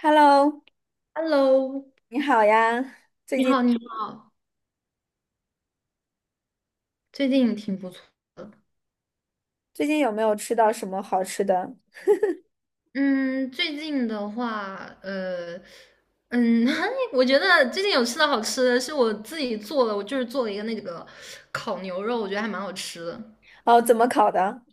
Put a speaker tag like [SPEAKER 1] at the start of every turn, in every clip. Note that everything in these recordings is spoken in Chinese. [SPEAKER 1] Hello，
[SPEAKER 2] Hello，
[SPEAKER 1] 你好呀，最
[SPEAKER 2] 你
[SPEAKER 1] 近
[SPEAKER 2] 好，你好，最近挺不错的。
[SPEAKER 1] 最近有没有吃到什么好吃的？
[SPEAKER 2] 嗯，最近的话，嗯，我觉得最近有吃的好吃的，是我自己做的，我就是做了一个那个烤牛肉，我觉得还蛮好吃的。
[SPEAKER 1] 哦，怎么烤的？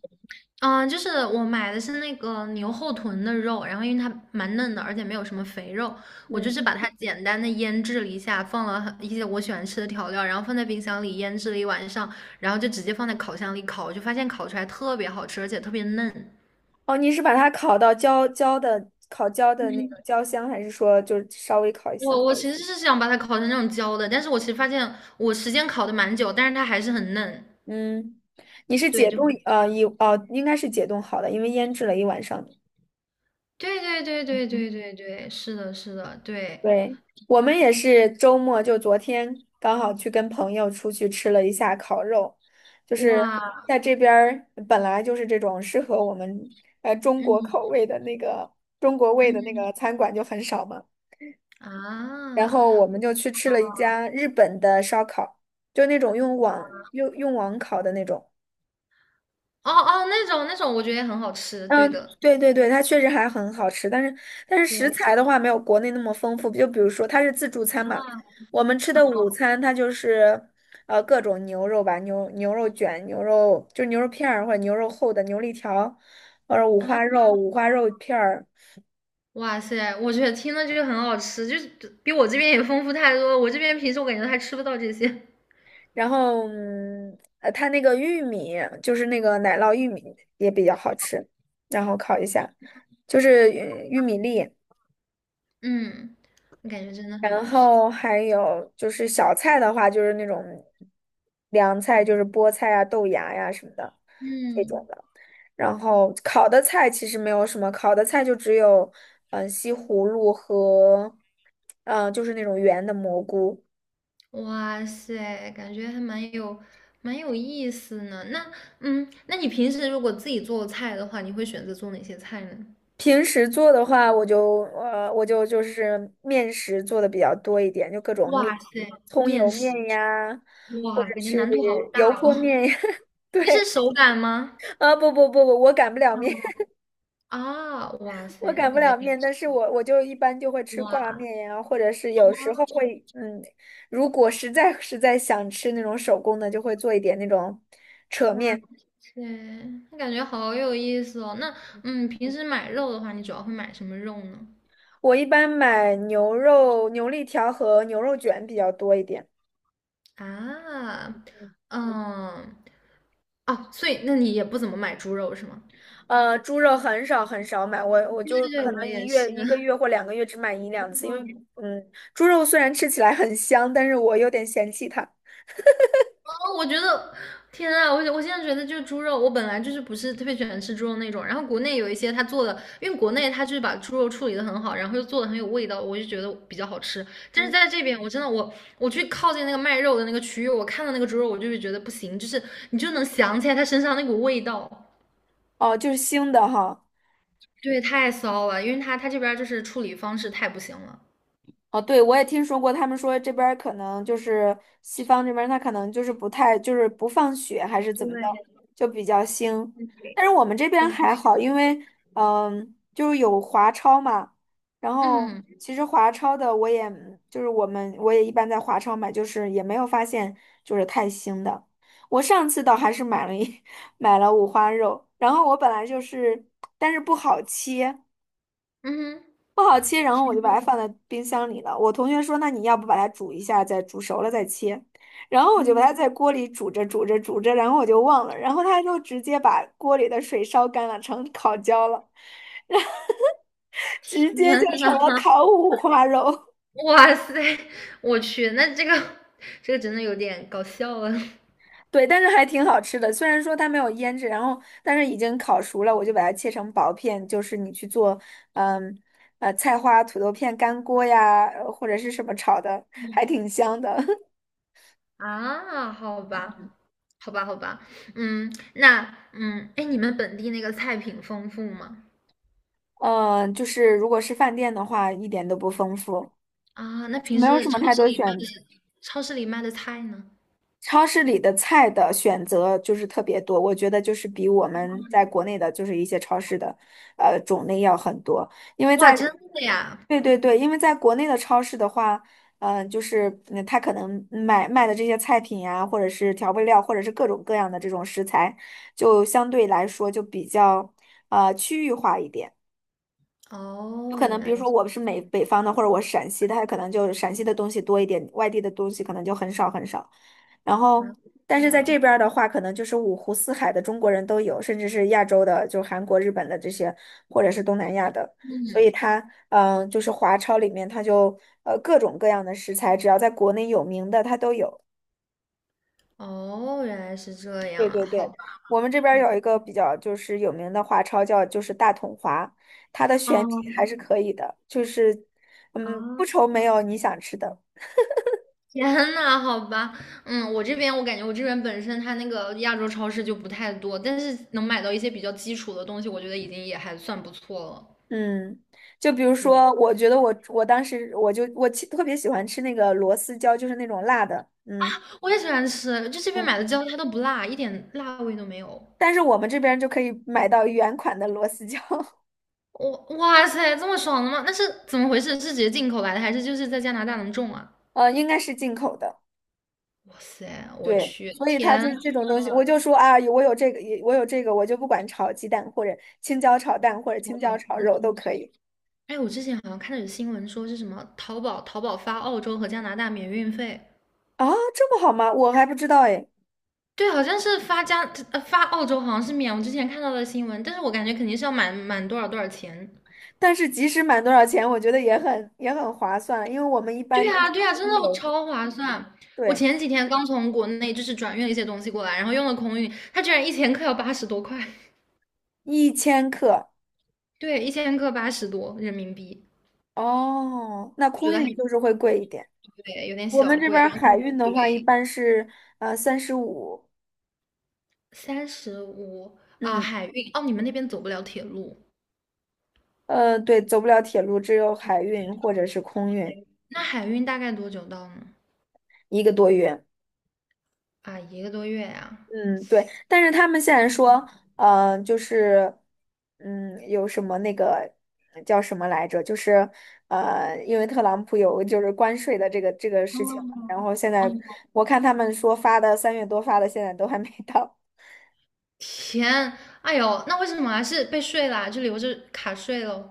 [SPEAKER 2] 嗯，就是我买的是那个牛后臀的肉，然后因为它蛮嫩的，而且没有什么肥肉，我就
[SPEAKER 1] 嗯，
[SPEAKER 2] 是把它简单的腌制了一下，放了很一些我喜欢吃的调料，然后放在冰箱里腌制了一晚上，然后就直接放在烤箱里烤，就发现烤出来特别好吃，而且特别嫩。
[SPEAKER 1] 哦，你是把它烤到焦焦的，烤焦的那个焦香，还是说就是稍微烤一下？
[SPEAKER 2] 我其实是想把它烤成那种焦的，但是我其实发现我时间烤的蛮久，但是它还是很嫩。
[SPEAKER 1] 嗯，你是
[SPEAKER 2] 对，
[SPEAKER 1] 解
[SPEAKER 2] 就
[SPEAKER 1] 冻，应该是解冻好的，因为腌制了一晚上。
[SPEAKER 2] 对对对对对对对，是的，是的，对，
[SPEAKER 1] 对，我们也是周末，就昨天刚好去跟朋友出去吃了一下烤肉，就是
[SPEAKER 2] 哇，
[SPEAKER 1] 在这边儿本来就是这种适合我们中国
[SPEAKER 2] 嗯
[SPEAKER 1] 口味的那个中国味的那
[SPEAKER 2] 嗯
[SPEAKER 1] 个餐馆就很少嘛，然
[SPEAKER 2] 啊，
[SPEAKER 1] 后我们就去吃了一家日本的烧烤，就那种用网烤的那种。
[SPEAKER 2] 哦哦，那种我觉得也很好吃，
[SPEAKER 1] 嗯，
[SPEAKER 2] 对的，
[SPEAKER 1] 对对对，它确实还很好吃，但是食
[SPEAKER 2] 对
[SPEAKER 1] 材的话没有国内那么丰富。就比如说它是自助餐嘛，我们吃的午餐它就是各种牛肉吧，牛肉卷、牛肉就牛肉片儿或者牛肉厚的牛肋条，或者五
[SPEAKER 2] 啊，
[SPEAKER 1] 花肉、五花肉片儿，
[SPEAKER 2] 哇塞，我觉得听了就是很好吃，就是比我这边也丰富太多了我这边平时我感觉还吃不到这些，
[SPEAKER 1] 然后它那个玉米就是那个奶酪玉米也比较好吃，然后烤一下，就是玉米粒。
[SPEAKER 2] 嗯，我感觉真的很
[SPEAKER 1] 然
[SPEAKER 2] 不错，
[SPEAKER 1] 后还有就是小菜的话，就是那种凉菜，就是菠菜啊、豆芽呀、什么的这种
[SPEAKER 2] 嗯。
[SPEAKER 1] 的。然后烤的菜其实没有什么，烤的菜就只有西葫芦和就是那种圆的蘑菇。
[SPEAKER 2] 哇塞，感觉还蛮有意思呢。那嗯，那你平时如果自己做菜的话，你会选择做哪些菜呢？
[SPEAKER 1] 平时做的话，我就是面食做的比较多一点，就各种面，
[SPEAKER 2] 哇塞，
[SPEAKER 1] 葱
[SPEAKER 2] 面
[SPEAKER 1] 油面
[SPEAKER 2] 食，
[SPEAKER 1] 呀，或
[SPEAKER 2] 哇，
[SPEAKER 1] 者
[SPEAKER 2] 感觉
[SPEAKER 1] 是
[SPEAKER 2] 难度好
[SPEAKER 1] 油
[SPEAKER 2] 大哦。
[SPEAKER 1] 泼 面呀。
[SPEAKER 2] 你是
[SPEAKER 1] 对，
[SPEAKER 2] 手擀吗？
[SPEAKER 1] 啊不，我擀不了面。
[SPEAKER 2] 啊，哇
[SPEAKER 1] 我
[SPEAKER 2] 塞，那
[SPEAKER 1] 擀不
[SPEAKER 2] 感觉
[SPEAKER 1] 了
[SPEAKER 2] 挺
[SPEAKER 1] 面，
[SPEAKER 2] 吃
[SPEAKER 1] 但是
[SPEAKER 2] 力的
[SPEAKER 1] 我就一般就会吃挂
[SPEAKER 2] 哇
[SPEAKER 1] 面呀，或者是有时候会，嗯，如果实在想吃那种手工的，就会做一点那种扯
[SPEAKER 2] 哇
[SPEAKER 1] 面。
[SPEAKER 2] 塞，那感觉好有意思哦。那平时买肉的话，你主要会买什么肉呢？
[SPEAKER 1] 我一般买牛肉、牛肋条和牛肉卷比较多一点，
[SPEAKER 2] 啊，嗯，哦，所以那你也不怎么买猪肉是吗？
[SPEAKER 1] 猪肉很少买，我
[SPEAKER 2] 对
[SPEAKER 1] 就
[SPEAKER 2] 对对，
[SPEAKER 1] 可
[SPEAKER 2] 我
[SPEAKER 1] 能
[SPEAKER 2] 也是。
[SPEAKER 1] 一个月或两个月只买一两次，因为嗯，猪肉虽然吃起来很香，但是我有点嫌弃它。
[SPEAKER 2] 哦，我觉得，天啊，我现在觉得就是猪肉，我本来就是不是特别喜欢吃猪肉那种，然后国内有一些他做的，因为国内他就是把猪肉处理的很好，然后又做的很有味道，我就觉得比较好吃。但是
[SPEAKER 1] 嗯，
[SPEAKER 2] 在这边，我真的我去靠近那个卖肉的那个区域，我看到那个猪肉，我就会觉得不行，就是你就能想起来它身上那股味道，
[SPEAKER 1] 哦，就是腥的哈。
[SPEAKER 2] 对，太骚了，因为他这边就是处理方式太不行了。
[SPEAKER 1] 哦，对，我也听说过，他们说这边儿可能就是西方这边，他可能就是不太就是不放血还是怎么的，
[SPEAKER 2] 对
[SPEAKER 1] 就比较腥。但是我们这
[SPEAKER 2] 对
[SPEAKER 1] 边
[SPEAKER 2] 对对
[SPEAKER 1] 还好，因
[SPEAKER 2] 对，
[SPEAKER 1] 为嗯，就是有华超嘛，然后
[SPEAKER 2] 嗯
[SPEAKER 1] 其实华超的我也就是我也一般在华超买，就是也没有发现就是太腥的。我上次倒还是买了一 买了五花肉，然后我本来就是，但是不好切。
[SPEAKER 2] 嗯哼，
[SPEAKER 1] 不好切，然后我
[SPEAKER 2] 天，
[SPEAKER 1] 就把它放在冰箱里了。我同学说，那你要不把它煮一下，再煮熟了再切。然后我就把它
[SPEAKER 2] 嗯
[SPEAKER 1] 在锅里煮着，然后我就忘了，然后他就直接把锅里的水烧干了，成烤焦了，然后 直接就
[SPEAKER 2] 天
[SPEAKER 1] 成了烤五花肉。
[SPEAKER 2] 哇塞，我去，那这个真的有点搞笑了
[SPEAKER 1] 对，但是还挺好吃的。虽然说它没有腌制，然后但是已经烤熟了，我就把它切成薄片，就是你去做，嗯，菜花、土豆片干锅呀，或者是什么炒的，还挺香的。
[SPEAKER 2] 啊！好吧，好吧，好吧，嗯，那哎，你们本地那个菜品丰富吗？
[SPEAKER 1] 嗯，就是如果是饭店的话，一点都不丰富，
[SPEAKER 2] 啊，那
[SPEAKER 1] 就
[SPEAKER 2] 平
[SPEAKER 1] 没有
[SPEAKER 2] 时
[SPEAKER 1] 什么太多选择。
[SPEAKER 2] 超市里卖的菜呢？
[SPEAKER 1] 超市里的菜的选择就是特别多，我觉得就是比我们在国内的，就是一些超市的，种类要很多。因为
[SPEAKER 2] 哇，
[SPEAKER 1] 在，
[SPEAKER 2] 真的呀！
[SPEAKER 1] 对对对，因为在国内的超市的话，他可能买卖的这些菜品呀、或者是调味料，或者是各种各样的这种食材，就相对来说就比较，区域化一点。有可
[SPEAKER 2] 哦，原
[SPEAKER 1] 能，比如
[SPEAKER 2] 来
[SPEAKER 1] 说
[SPEAKER 2] 是
[SPEAKER 1] 我
[SPEAKER 2] 这
[SPEAKER 1] 是美北方的，或者我是陕西的，他可能就陕西的东西多一点，外地的东西可能就很少。然后，
[SPEAKER 2] 样
[SPEAKER 1] 但是在
[SPEAKER 2] 啊！
[SPEAKER 1] 这边儿的话，可能就是五湖四海的中国人都有，甚至是亚洲的，就韩国、日本的这些，或者是东南亚的。所以它，就是华超里面，它就各种各样的食材，只要在国内有名的，它都有。
[SPEAKER 2] 哦，原来是这样
[SPEAKER 1] 对
[SPEAKER 2] 啊！
[SPEAKER 1] 对
[SPEAKER 2] 好
[SPEAKER 1] 对，
[SPEAKER 2] 吧，
[SPEAKER 1] 我们这边儿
[SPEAKER 2] 嗯，
[SPEAKER 1] 有一个比较就是有名的华超叫就是大统华，它的选品还
[SPEAKER 2] 嗯
[SPEAKER 1] 是可以的，就是
[SPEAKER 2] 哦，
[SPEAKER 1] 嗯
[SPEAKER 2] 啊，
[SPEAKER 1] 不愁没有你想吃的。
[SPEAKER 2] 天呐，好吧，嗯，我这边我感觉我这边本身它那个亚洲超市就不太多，但是能买到一些比较基础的东西，我觉得已经也还算不错了。
[SPEAKER 1] 嗯，就比如
[SPEAKER 2] 对，
[SPEAKER 1] 说，我觉得我我当时我就我其特别喜欢吃那个螺丝椒，就是那种辣的。嗯
[SPEAKER 2] 我也喜欢吃，就这边
[SPEAKER 1] 嗯，
[SPEAKER 2] 买的椒它都不辣，一点辣味都没有。
[SPEAKER 1] 但是我们这边就可以买到原款的螺丝椒，
[SPEAKER 2] 我哇塞，这么爽的吗？那是怎么回事？是直接进口来的，还是就是在加拿大能种啊？
[SPEAKER 1] 应该是进口的。
[SPEAKER 2] 哇塞，我
[SPEAKER 1] 对，
[SPEAKER 2] 去，
[SPEAKER 1] 所以它
[SPEAKER 2] 天！
[SPEAKER 1] 就是这种东西，我就说啊，我有这个，我有这个，我就不管炒鸡蛋或者青椒炒蛋或者青椒炒肉都可以。
[SPEAKER 2] 哎，我之前好像看到有新闻说是什么淘宝发澳洲和加拿大免运费。
[SPEAKER 1] 啊，这么好吗？我还不知道哎，
[SPEAKER 2] 对，好像是发加发澳洲，好像是免。我之前看到的新闻，但是我感觉肯定是要满多少多少钱。
[SPEAKER 1] 但是即使满多少钱，我觉得也很划算，因为我们一
[SPEAKER 2] 对
[SPEAKER 1] 般都
[SPEAKER 2] 呀，
[SPEAKER 1] 是
[SPEAKER 2] 对呀，真
[SPEAKER 1] 精
[SPEAKER 2] 的
[SPEAKER 1] 油，
[SPEAKER 2] 超划算。我
[SPEAKER 1] 对，
[SPEAKER 2] 前几天刚从国内就是转运了一些东西过来，然后用了空运，它居然一千克要80多块，
[SPEAKER 1] 一千克。
[SPEAKER 2] 对，一千克80多人民币，
[SPEAKER 1] 哦，那
[SPEAKER 2] 我觉
[SPEAKER 1] 空
[SPEAKER 2] 得还
[SPEAKER 1] 运就是会贵一点，
[SPEAKER 2] 对有点
[SPEAKER 1] 我
[SPEAKER 2] 小
[SPEAKER 1] 们这
[SPEAKER 2] 贵。
[SPEAKER 1] 边
[SPEAKER 2] 然
[SPEAKER 1] 儿海
[SPEAKER 2] 后
[SPEAKER 1] 运的
[SPEAKER 2] 对
[SPEAKER 1] 话一般是呃三十五
[SPEAKER 2] 35
[SPEAKER 1] 三十
[SPEAKER 2] 啊，
[SPEAKER 1] 五嗯。
[SPEAKER 2] 海运哦，你们那边走不了铁路，
[SPEAKER 1] 对，走不了铁路，只有海运或者是空运，
[SPEAKER 2] 那海运大概多久到呢？
[SPEAKER 1] 一个多月。
[SPEAKER 2] 啊，一个多月呀、
[SPEAKER 1] 嗯，对，但是他们现在说，就是，嗯，有什么那个叫什么来着？就是，因为特朗普有就是关税的这个这个事情嘛，然
[SPEAKER 2] 哦，
[SPEAKER 1] 后现
[SPEAKER 2] 哦，
[SPEAKER 1] 在我看他们说发的三月多发的，现在都还没到。
[SPEAKER 2] 天，哎呦，那为什么还是被税啦？就留着卡税喽？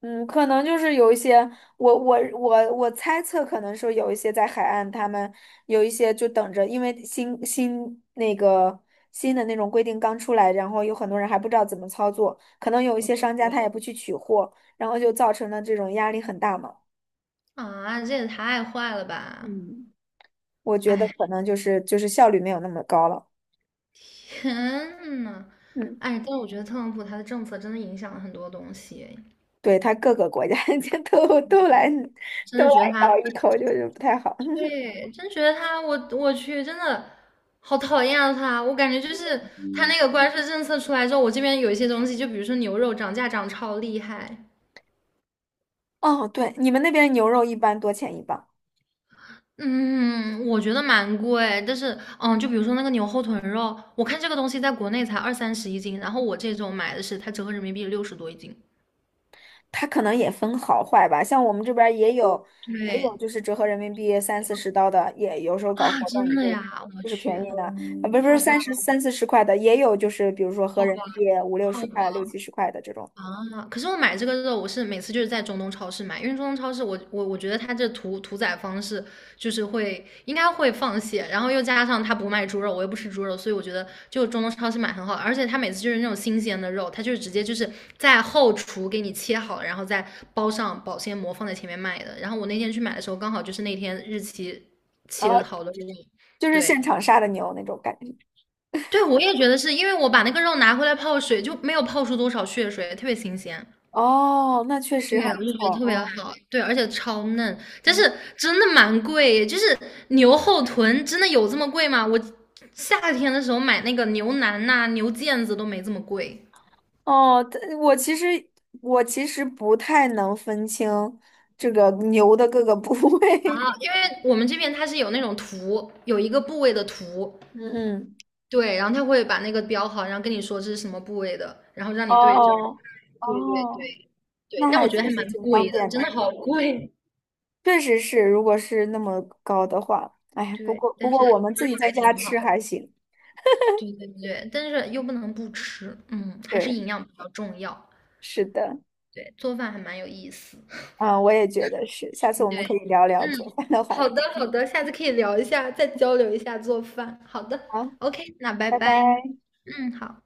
[SPEAKER 1] 嗯，可能就是有一些，我猜测，可能说有一些在海岸，他们有一些就等着，因为新的那种规定刚出来，然后有很多人还不知道怎么操作，可能有一些商家他也不去取货，然后就造成了这种压力很大嘛。
[SPEAKER 2] 啊，这也太坏了吧！
[SPEAKER 1] 嗯，我觉得
[SPEAKER 2] 哎，
[SPEAKER 1] 可能就是效率没有那么高了。
[SPEAKER 2] 天呐，
[SPEAKER 1] 嗯，
[SPEAKER 2] 哎，但是我觉得特朗普他的政策真的影响了很多东西，哎
[SPEAKER 1] 对，他各个国家 都都来
[SPEAKER 2] 真
[SPEAKER 1] 都
[SPEAKER 2] 的
[SPEAKER 1] 来
[SPEAKER 2] 觉得他，
[SPEAKER 1] 咬一口，就是不太好。
[SPEAKER 2] 对，真觉得他，我我去，真的好讨厌啊他！我感觉就是他那个关税政策出来之后，我这边有一些东西，就比如说牛肉涨价涨超厉害。
[SPEAKER 1] 哦，对，你们那边牛肉一般多钱一磅？
[SPEAKER 2] 嗯，我觉得蛮贵，但是，嗯，就比如说那个牛后腿肉，我看这个东西在国内才二三十一斤，然后我这种买的是它折合人民币60多一斤。
[SPEAKER 1] 它可能也分好坏吧，像我们这边儿也有，也
[SPEAKER 2] 对
[SPEAKER 1] 有就是折合人民币三四十刀的，也有时候搞
[SPEAKER 2] 啊，
[SPEAKER 1] 活
[SPEAKER 2] 真
[SPEAKER 1] 动
[SPEAKER 2] 的
[SPEAKER 1] 就
[SPEAKER 2] 呀，我
[SPEAKER 1] 就是
[SPEAKER 2] 去，
[SPEAKER 1] 便宜的，啊，不是
[SPEAKER 2] 好吧，
[SPEAKER 1] 三十三四十块的，也有就是比如说合
[SPEAKER 2] 好
[SPEAKER 1] 人
[SPEAKER 2] 吧，
[SPEAKER 1] 民币五六
[SPEAKER 2] 好
[SPEAKER 1] 十
[SPEAKER 2] 吧，
[SPEAKER 1] 块、六七十块的这种，
[SPEAKER 2] 啊，可是我买这个肉，我是每次就是在中东超市买，因为中东超市我觉得它这屠宰方式就是会应该会放血，然后又加上它不卖猪肉，我又不吃猪肉，所以我觉得就中东超市买很好，而且它每次就是那种新鲜的肉，它就是直接就是在后厨给你切好，然后再包上保鲜膜放在前面卖的。然后我那天去买的时候，刚好就是那天日期
[SPEAKER 1] 然后
[SPEAKER 2] 切好的肉，
[SPEAKER 1] 就是
[SPEAKER 2] 对
[SPEAKER 1] 现场杀的牛那种感觉。
[SPEAKER 2] 对，我也觉得是因为我把那个肉拿回来泡水，就没有泡出多少血水，特别新鲜。
[SPEAKER 1] 哦，那确实
[SPEAKER 2] 对，
[SPEAKER 1] 还
[SPEAKER 2] 我
[SPEAKER 1] 不
[SPEAKER 2] 就觉得
[SPEAKER 1] 错，
[SPEAKER 2] 特别
[SPEAKER 1] 嗯
[SPEAKER 2] 好，对，而且超嫩，但
[SPEAKER 1] 嗯。
[SPEAKER 2] 是真的蛮贵，就是牛后臀真的有这么贵吗？我夏天的时候买那个牛腩呐、牛腱子都没这么贵
[SPEAKER 1] 哦，但我其实我其实不太能分清这个牛的各个部位，
[SPEAKER 2] 啊，因为我们这边它是有那种图，有一个部位的图，
[SPEAKER 1] 嗯嗯，
[SPEAKER 2] 对，然后它会把那个标好，然后跟你说这是什么部位的，然后 让你对症。
[SPEAKER 1] 哦
[SPEAKER 2] 对对
[SPEAKER 1] 哦。
[SPEAKER 2] 对对，
[SPEAKER 1] 那
[SPEAKER 2] 但我
[SPEAKER 1] 还
[SPEAKER 2] 觉得
[SPEAKER 1] 确
[SPEAKER 2] 还
[SPEAKER 1] 实
[SPEAKER 2] 蛮
[SPEAKER 1] 挺方
[SPEAKER 2] 贵的，
[SPEAKER 1] 便
[SPEAKER 2] 真的
[SPEAKER 1] 的，
[SPEAKER 2] 好贵。
[SPEAKER 1] 确实是，如果是那么高的话，哎，不
[SPEAKER 2] 对，
[SPEAKER 1] 过不
[SPEAKER 2] 但是
[SPEAKER 1] 过我们自己
[SPEAKER 2] 肉
[SPEAKER 1] 在
[SPEAKER 2] 还
[SPEAKER 1] 家
[SPEAKER 2] 挺
[SPEAKER 1] 吃
[SPEAKER 2] 好。
[SPEAKER 1] 还行。
[SPEAKER 2] 对对对，但是又不能不吃，嗯，还是
[SPEAKER 1] 对，
[SPEAKER 2] 营养比较重要。
[SPEAKER 1] 是的，
[SPEAKER 2] 对，做饭还蛮有意思。
[SPEAKER 1] 嗯，我也觉得是，下次我们
[SPEAKER 2] 对，
[SPEAKER 1] 可以聊
[SPEAKER 2] 嗯，
[SPEAKER 1] 聊做饭的话
[SPEAKER 2] 好
[SPEAKER 1] 题。
[SPEAKER 2] 的好
[SPEAKER 1] 嗯，
[SPEAKER 2] 的，下次可以聊一下，再交流一下做饭。好的
[SPEAKER 1] 好，
[SPEAKER 2] ，OK，那拜
[SPEAKER 1] 拜
[SPEAKER 2] 拜。
[SPEAKER 1] 拜。
[SPEAKER 2] 嗯，好。